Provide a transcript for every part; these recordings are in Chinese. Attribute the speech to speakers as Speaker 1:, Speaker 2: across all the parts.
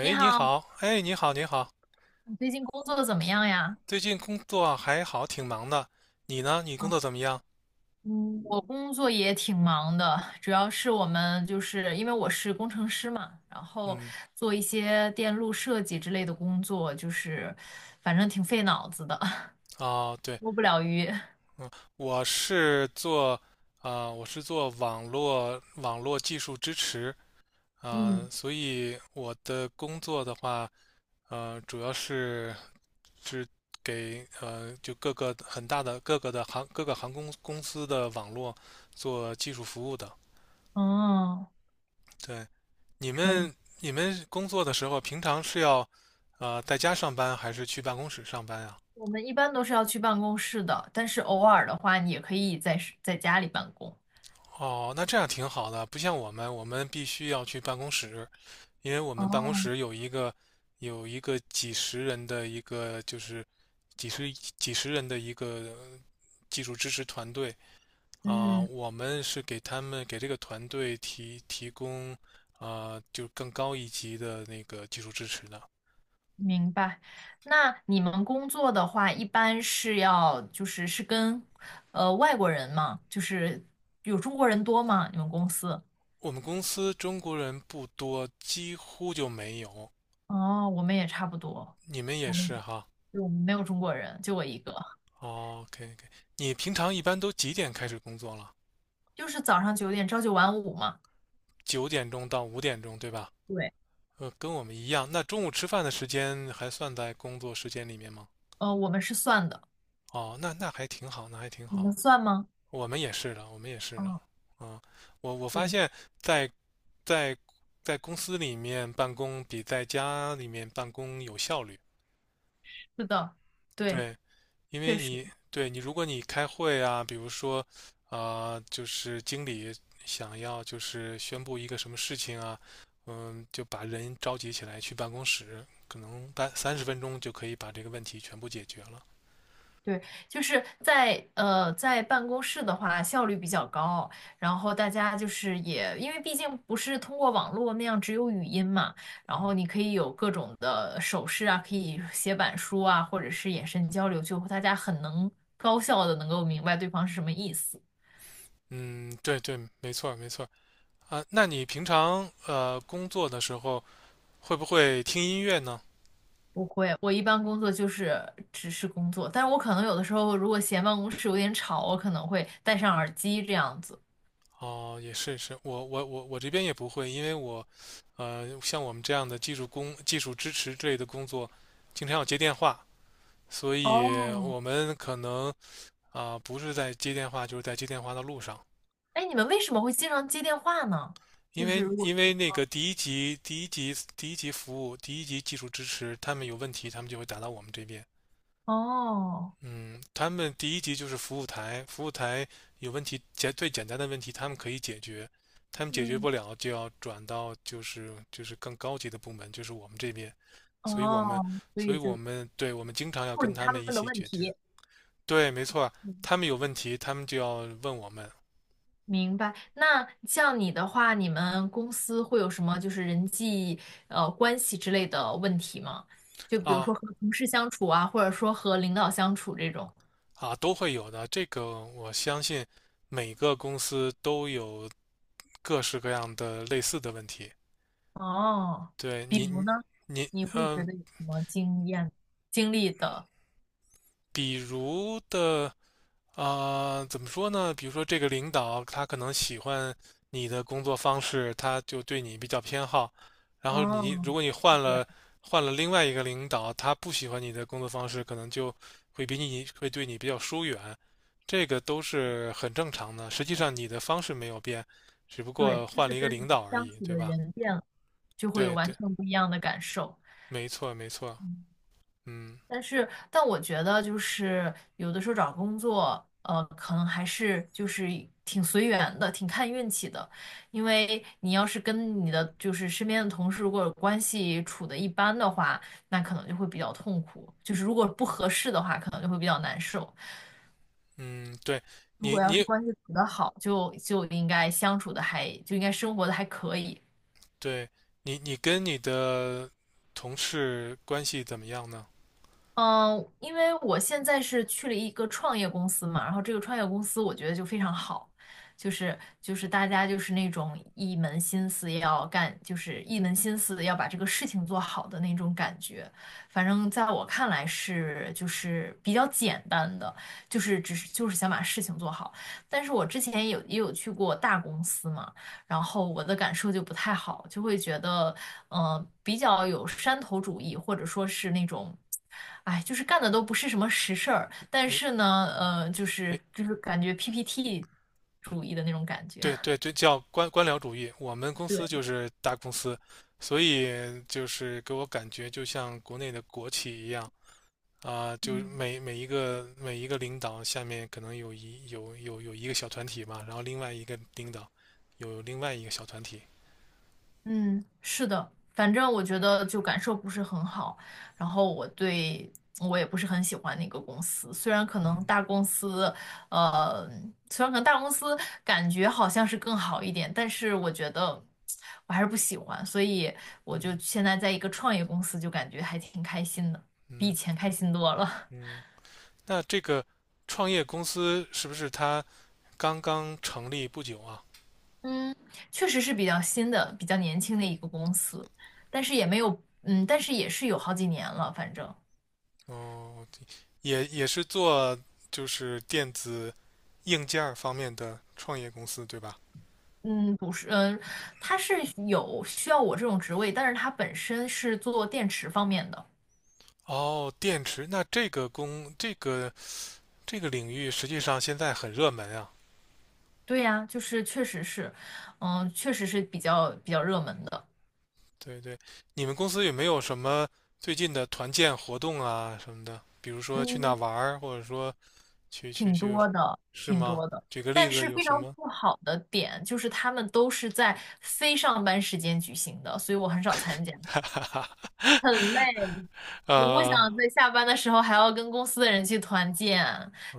Speaker 1: 你
Speaker 2: 你
Speaker 1: 好，
Speaker 2: 好，哎，你好，你好。
Speaker 1: 你最近工作怎么样呀？
Speaker 2: 最近工作还好，挺忙的。你呢？你工作怎么样？
Speaker 1: 嗯，我工作也挺忙的，主要是我们就是因为我是工程师嘛，然后
Speaker 2: 嗯，
Speaker 1: 做一些电路设计之类的工作，就是反正挺费脑子的，
Speaker 2: 哦，对，
Speaker 1: 摸不了鱼。
Speaker 2: 嗯，我是做，我是做网络技术支持。
Speaker 1: 嗯，
Speaker 2: 所以我的工作的话，主要是是给就各个很大的各个的航各个航空公司的网络做技术服务的。
Speaker 1: 哦，
Speaker 2: 对，你
Speaker 1: 可以。
Speaker 2: 们你们工作的时候，平常是要在家上班，还是去办公室上班呀？
Speaker 1: 我们一般都是要去办公室的，但是偶尔的话，你也可以在家里办公。
Speaker 2: 哦，那这样挺好的，不像我们，我们必须要去办公室，因为我们办公
Speaker 1: 哦，
Speaker 2: 室有一个几十人的一个几十人的一个技术支持团队。
Speaker 1: 嗯。
Speaker 2: 我们是给他们给这个团队提供就更高一级的那个技术支持的。
Speaker 1: 明白。那你们工作的话，一般是要就是跟外国人嘛，就是有中国人多吗？你们公司？
Speaker 2: 我们公司中国人不多，几乎就没有。
Speaker 1: 哦，我们也差不多，
Speaker 2: 你们也
Speaker 1: 我们
Speaker 2: 是哈？
Speaker 1: 对，我们没有中国人，就我一个，
Speaker 2: 哦，OK OK。你平常一般都几点开始工作了？
Speaker 1: 就是早上9点朝九晚五嘛。
Speaker 2: 9点钟到5点钟，对吧？
Speaker 1: 对，
Speaker 2: 跟我们一样。那中午吃饭的时间还算在工作时间里面吗？
Speaker 1: 我们是算的，
Speaker 2: 哦，那还挺好，那还挺
Speaker 1: 你们
Speaker 2: 好。
Speaker 1: 算吗？
Speaker 2: 我们也是的，我们也是的。
Speaker 1: 嗯，
Speaker 2: 嗯，我发
Speaker 1: 对，
Speaker 2: 现在，在在公司里面办公比在家里面办公有效率。
Speaker 1: 是的，对，
Speaker 2: 对，因为
Speaker 1: 确
Speaker 2: 你
Speaker 1: 实。
Speaker 2: 对你，如果你开会啊，比如说，就是经理想要宣布一个什么事情啊，嗯，就把人召集起来去办公室，可能30分钟就可以把这个问题全部解决了。
Speaker 1: 对，就是在办公室的话，效率比较高，然后大家就是也，因为毕竟不是通过网络那样只有语音嘛，然
Speaker 2: 嗯
Speaker 1: 后你可以有各种的手势啊，可以写板书啊，或者是眼神交流，就大家很能高效的能够明白对方是什么意思。
Speaker 2: 嗯，对对，没错儿没错儿啊。那你平常工作的时候会不会听音乐呢？
Speaker 1: 不会，我一般工作就是只是工作，但是我可能有的时候如果嫌办公室有点吵，我可能会戴上耳机这样子。
Speaker 2: 哦，也是，我这边也不会，因为我，像我们这样的技术支持之类的工作，经常要接电话，所以
Speaker 1: 哦，
Speaker 2: 我们可能不是在接电话，就是在接电话的路上。
Speaker 1: 哎，你们为什么会经常接电话呢？
Speaker 2: 因
Speaker 1: 就是
Speaker 2: 为
Speaker 1: 如果
Speaker 2: 因
Speaker 1: 是
Speaker 2: 为那个第一级技术支持，他们有问题，他们就会打到我们这边。
Speaker 1: 哦，
Speaker 2: 嗯，他们第一级就是服务台，服务台有问题，最简单的问题他们可以解决，他们解决
Speaker 1: 嗯，
Speaker 2: 不了就要转到就是更高级的部门，就是我们这边，所以我们
Speaker 1: 哦，所
Speaker 2: 所
Speaker 1: 以
Speaker 2: 以我
Speaker 1: 就
Speaker 2: 们对我们经常要
Speaker 1: 处
Speaker 2: 跟
Speaker 1: 理
Speaker 2: 他
Speaker 1: 他们
Speaker 2: 们一
Speaker 1: 的
Speaker 2: 起
Speaker 1: 问
Speaker 2: 解决。
Speaker 1: 题。
Speaker 2: 对，没错，他
Speaker 1: 嗯
Speaker 2: 们有问题，他们就要问我们。
Speaker 1: 明白。那像你的话，你们公司会有什么就是人际关系之类的问题吗？就比如
Speaker 2: 啊
Speaker 1: 说和同事相处啊，或者说和领导相处这种。
Speaker 2: 都会有的。这个我相信每个公司都有各式各样的类似的问题。
Speaker 1: 哦，
Speaker 2: 对，
Speaker 1: 比
Speaker 2: 你
Speaker 1: 如
Speaker 2: 你
Speaker 1: 呢，
Speaker 2: 你
Speaker 1: 你会觉
Speaker 2: 嗯、
Speaker 1: 得有什么经历的？
Speaker 2: 比如的。怎么说呢？比如说这个领导他可能喜欢你的工作方式，他就对你比较偏好。然后你如
Speaker 1: 哦，
Speaker 2: 果你
Speaker 1: 是
Speaker 2: 换
Speaker 1: 这样
Speaker 2: 了换了另外一个领导，他不喜欢你的工作方式，可能就会对你比较疏远。这个都是很正常的。实际上你的方式没有变，只不
Speaker 1: 对，
Speaker 2: 过
Speaker 1: 就
Speaker 2: 换了
Speaker 1: 是
Speaker 2: 一个
Speaker 1: 跟
Speaker 2: 领
Speaker 1: 你
Speaker 2: 导而
Speaker 1: 相
Speaker 2: 已，
Speaker 1: 处
Speaker 2: 对
Speaker 1: 的
Speaker 2: 吧？
Speaker 1: 人变了，就会有
Speaker 2: 对
Speaker 1: 完
Speaker 2: 对，
Speaker 1: 全不一样的感受。
Speaker 2: 没错没错。
Speaker 1: 嗯，
Speaker 2: 嗯
Speaker 1: 但我觉得就是有的时候找工作，可能还是就是挺随缘的，挺看运气的。因为你要是跟你的就是身边的同事如果关系处的一般的话，那可能就会比较痛苦。就是如果不合适的话，可能就会比较难受。
Speaker 2: 嗯，
Speaker 1: 如
Speaker 2: 你
Speaker 1: 果要是
Speaker 2: 你
Speaker 1: 关系处得好，就应该相处的还就应该生活的还可以。
Speaker 2: 对，你跟你的同事关系怎么样呢？
Speaker 1: 嗯，因为我现在是去了一个创业公司嘛，然后这个创业公司我觉得就非常好，就是就是大家就是那种一门心思要干，就是一门心思要把这个事情做好的那种感觉。反正在我看来是就是比较简单的，就是只是就是想把事情做好。但是我之前也有去过大公司嘛，然后我的感受就不太好，就会觉得。比较有山头主义，或者说是那种，哎，就是干的都不是什么实事儿，但
Speaker 2: 哎
Speaker 1: 是呢，就
Speaker 2: 哎，
Speaker 1: 是就是感觉 PPT 主义的那种感觉。
Speaker 2: 对对 对，叫官僚主义。我们公司
Speaker 1: 对。
Speaker 2: 就是大公司，所以就是给我感觉就像国内的国企一样。就每一个领导下面可能有一个小团体嘛，然后另外一个领导有另外一个小团体。
Speaker 1: 嗯，是的，反正我觉得就感受不是很好，然后我也不是很喜欢那个公司，
Speaker 2: 嗯
Speaker 1: 呃，虽然可能大公司感觉好像是更好一点，但是我觉得我还是不喜欢，所以我就
Speaker 2: 嗯
Speaker 1: 现在在一个创业公司，就感觉还挺开心的，比以
Speaker 2: 嗯
Speaker 1: 前开心多了。
Speaker 2: 嗯，那这个创业公司是不是它刚刚成立不久啊？
Speaker 1: 嗯，确实是比较新的、比较年轻的一个公司，但是也没有，但是也是有好几年了，反正。
Speaker 2: 哦，对，也是做电子硬件儿方面的创业公司，对吧？
Speaker 1: 嗯，不是，他是有需要我这种职位，但是他本身是做电池方面的。
Speaker 2: 哦，电池，那这个工这个这个领域实际上现在很热门啊。
Speaker 1: 对呀，就是确实是，确实是比较热门的，
Speaker 2: 对对，你们公司有没有什么最近的团建活动啊什么的？比如说去哪
Speaker 1: 嗯，
Speaker 2: 玩儿或者说去去
Speaker 1: 挺
Speaker 2: 去，
Speaker 1: 多的，
Speaker 2: 是
Speaker 1: 挺
Speaker 2: 吗？
Speaker 1: 多的。
Speaker 2: 举个例
Speaker 1: 但
Speaker 2: 子，
Speaker 1: 是
Speaker 2: 有
Speaker 1: 非常
Speaker 2: 什么？
Speaker 1: 不好的点就是他们都是在非上班时间举行的，所以我很少参加，
Speaker 2: 哈哈哈。
Speaker 1: 很累。我不想
Speaker 2: 呃，
Speaker 1: 在下班的时候还要跟公司的人去团建，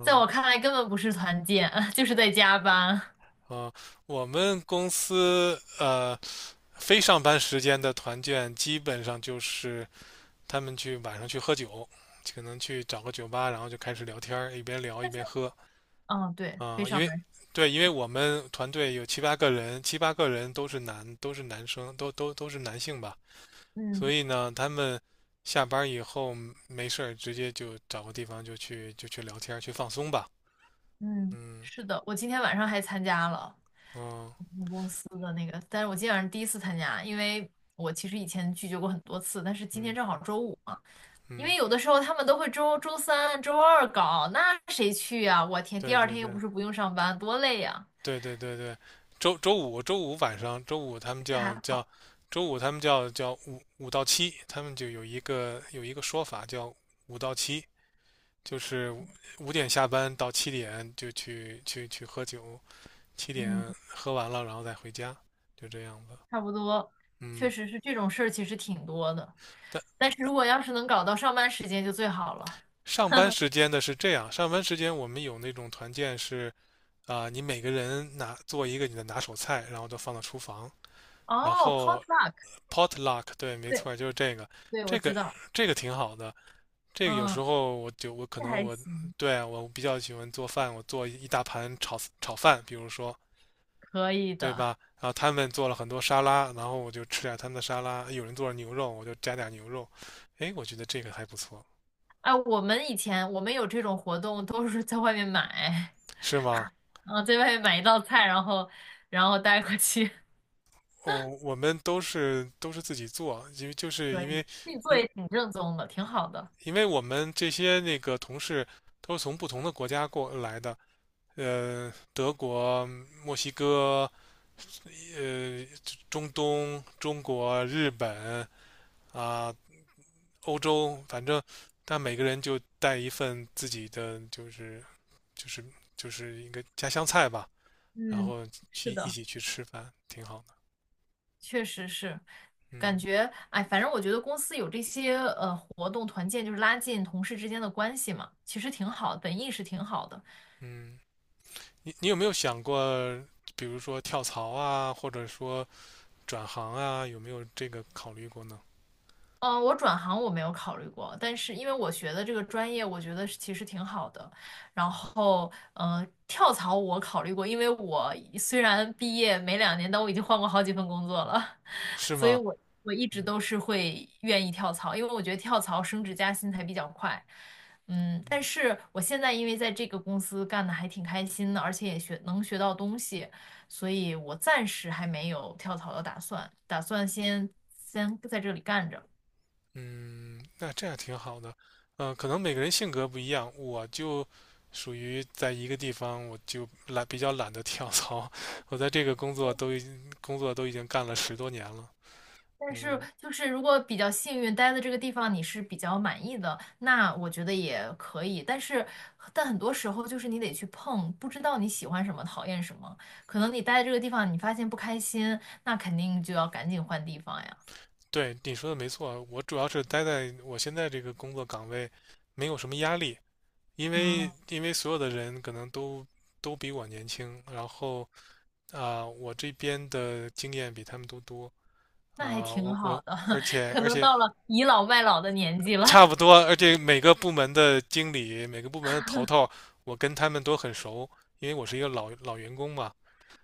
Speaker 1: 在我看来根本不是团建，就是在加班。
Speaker 2: 啊，我们公司非上班时间的团建，基本上就是他们去晚上去喝酒，可能去找个酒吧，然后就开始聊天，一边聊一边喝。
Speaker 1: 嗯，对，
Speaker 2: 啊、
Speaker 1: 非
Speaker 2: 嗯因
Speaker 1: 上
Speaker 2: 为
Speaker 1: 班。
Speaker 2: 对，因为我们团队有七八个人，七八个人都是男生，都是男性吧。所
Speaker 1: 嗯。
Speaker 2: 以呢，他们下班以后没事儿，直接就找个地方就去聊天去放松吧。
Speaker 1: 嗯，
Speaker 2: 嗯，
Speaker 1: 是的，我今天晚上还参加了
Speaker 2: 嗯，
Speaker 1: 司的那个，但是我今天晚上第一次参加，因为我其实以前拒绝过很多次，但是今天
Speaker 2: 嗯
Speaker 1: 正好周五嘛，因为
Speaker 2: 嗯，
Speaker 1: 有的时候他们都会周三、周二搞，那谁去呀？我天，第
Speaker 2: 对
Speaker 1: 二
Speaker 2: 对
Speaker 1: 天又
Speaker 2: 对，
Speaker 1: 不是不用上班，多累呀！
Speaker 2: 对对对对。周五晚上，
Speaker 1: 这还好，
Speaker 2: 周五他们叫五到七，他们就有一个说法叫五到七，就是5点下班到7点就去喝酒，七点
Speaker 1: 嗯，
Speaker 2: 喝完了然后再回家，就这样子。
Speaker 1: 差不多，确
Speaker 2: 嗯，
Speaker 1: 实是这种事儿，其实挺多的，
Speaker 2: 但
Speaker 1: 但是如果要是能搞到上班时间就最好了。
Speaker 2: 上班时间的是这样，上班时间我们有那种团建，是你每个人做一个你的拿手菜，然后都放到厨房，然
Speaker 1: 哦
Speaker 2: 后
Speaker 1: ，potluck，
Speaker 2: potluck，对，没
Speaker 1: 对
Speaker 2: 错，就是这个。
Speaker 1: 对，我
Speaker 2: 这
Speaker 1: 知
Speaker 2: 个
Speaker 1: 道，
Speaker 2: 这个挺好的。有时
Speaker 1: 嗯，
Speaker 2: 候我就我可
Speaker 1: 这
Speaker 2: 能
Speaker 1: 还
Speaker 2: 我
Speaker 1: 行，
Speaker 2: 对啊我比较喜欢做饭，我做一大盘炒饭，比如说。
Speaker 1: 可以
Speaker 2: 对
Speaker 1: 的。
Speaker 2: 吧？然后他们做了很多沙拉，然后我就吃点他们的沙拉。有人做了牛肉，我就加点牛肉。哎，我觉得这个还不错。
Speaker 1: 哎，以前我们有这种活动，都是在外面买，
Speaker 2: 是吗？
Speaker 1: 啊，在外面买一道菜，然后带过去，
Speaker 2: 哦，我们都是自己做，因为就 是
Speaker 1: 可
Speaker 2: 因
Speaker 1: 以
Speaker 2: 为
Speaker 1: 自己做
Speaker 2: 因为
Speaker 1: 也挺正宗的，挺好的。
Speaker 2: 因为我们这些那个同事都是从不同的国家过来的，德国、墨西哥、呃，中东、中国、日本、啊、欧洲，反正但每个人就带一份自己的，就是就是一个家乡菜吧，然
Speaker 1: 嗯，
Speaker 2: 后去
Speaker 1: 是
Speaker 2: 一
Speaker 1: 的，
Speaker 2: 起去吃饭，挺好的。
Speaker 1: 确实是，感
Speaker 2: 嗯
Speaker 1: 觉哎，反正我觉得公司有这些活动团建，就是拉近同事之间的关系嘛，其实挺好的，本意是挺好的。
Speaker 2: 嗯，你有没有想过，比如说跳槽啊，或者说转行啊，有没有这个考虑过呢？
Speaker 1: 嗯，我转行我没有考虑过，但是因为我学的这个专业，我觉得是其实挺好的。然后，跳槽我考虑过，因为我虽然毕业没2年，但我已经换过好几份工作了，
Speaker 2: 是
Speaker 1: 所以
Speaker 2: 吗？
Speaker 1: 我一直
Speaker 2: 嗯
Speaker 1: 都是会愿意跳槽，因为我觉得跳槽升职加薪才比较快。嗯，
Speaker 2: 嗯
Speaker 1: 但是我现在因为在这个公司干的还挺开心的，而且也能学到东西，所以我暂时还没有跳槽的打算，打算先在这里干着。
Speaker 2: 嗯，那这样挺好的。嗯，可能每个人性格不一样，我就属于在一个地方，我就懒，比较懒得跳槽。我在这个工作都已经干了10多年了。
Speaker 1: 但是
Speaker 2: 嗯，
Speaker 1: 就是如果比较幸运待的这个地方你是比较满意的，那我觉得也可以。但是，但很多时候就是你得去碰，不知道你喜欢什么，讨厌什么。可能你待在这个地方，你发现不开心，那肯定就要赶紧换地方呀。
Speaker 2: 对，你说的没错，我主要是待在我现在这个工作岗位，没有什么压力，因
Speaker 1: 嗯，
Speaker 2: 为因为所有的人可能都比我年轻，然后我这边的经验比他们都多。
Speaker 1: 那还
Speaker 2: 啊、
Speaker 1: 挺
Speaker 2: 我
Speaker 1: 好
Speaker 2: 我
Speaker 1: 的，
Speaker 2: 而 且
Speaker 1: 可
Speaker 2: 而
Speaker 1: 能
Speaker 2: 且
Speaker 1: 到了倚老卖老的年纪了，
Speaker 2: 差不 多，而且每个部门的经理、每个部门的头头，我跟他们都很熟，因为我是一个老员工嘛。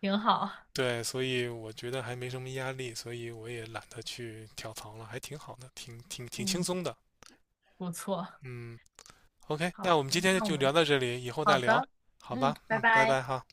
Speaker 1: 挺好。
Speaker 2: 对，所以我觉得还没什么压力，所以我也懒得去跳槽了，还挺好的，挺轻
Speaker 1: 嗯，
Speaker 2: 松的。
Speaker 1: 不错。
Speaker 2: 嗯，OK，
Speaker 1: 好
Speaker 2: 那我们
Speaker 1: 的，
Speaker 2: 今天
Speaker 1: 那我
Speaker 2: 就
Speaker 1: 们
Speaker 2: 聊到这里，以后
Speaker 1: 好
Speaker 2: 再聊，
Speaker 1: 的，
Speaker 2: 好
Speaker 1: 嗯，
Speaker 2: 吧？
Speaker 1: 拜
Speaker 2: 嗯，拜
Speaker 1: 拜。
Speaker 2: 拜哈。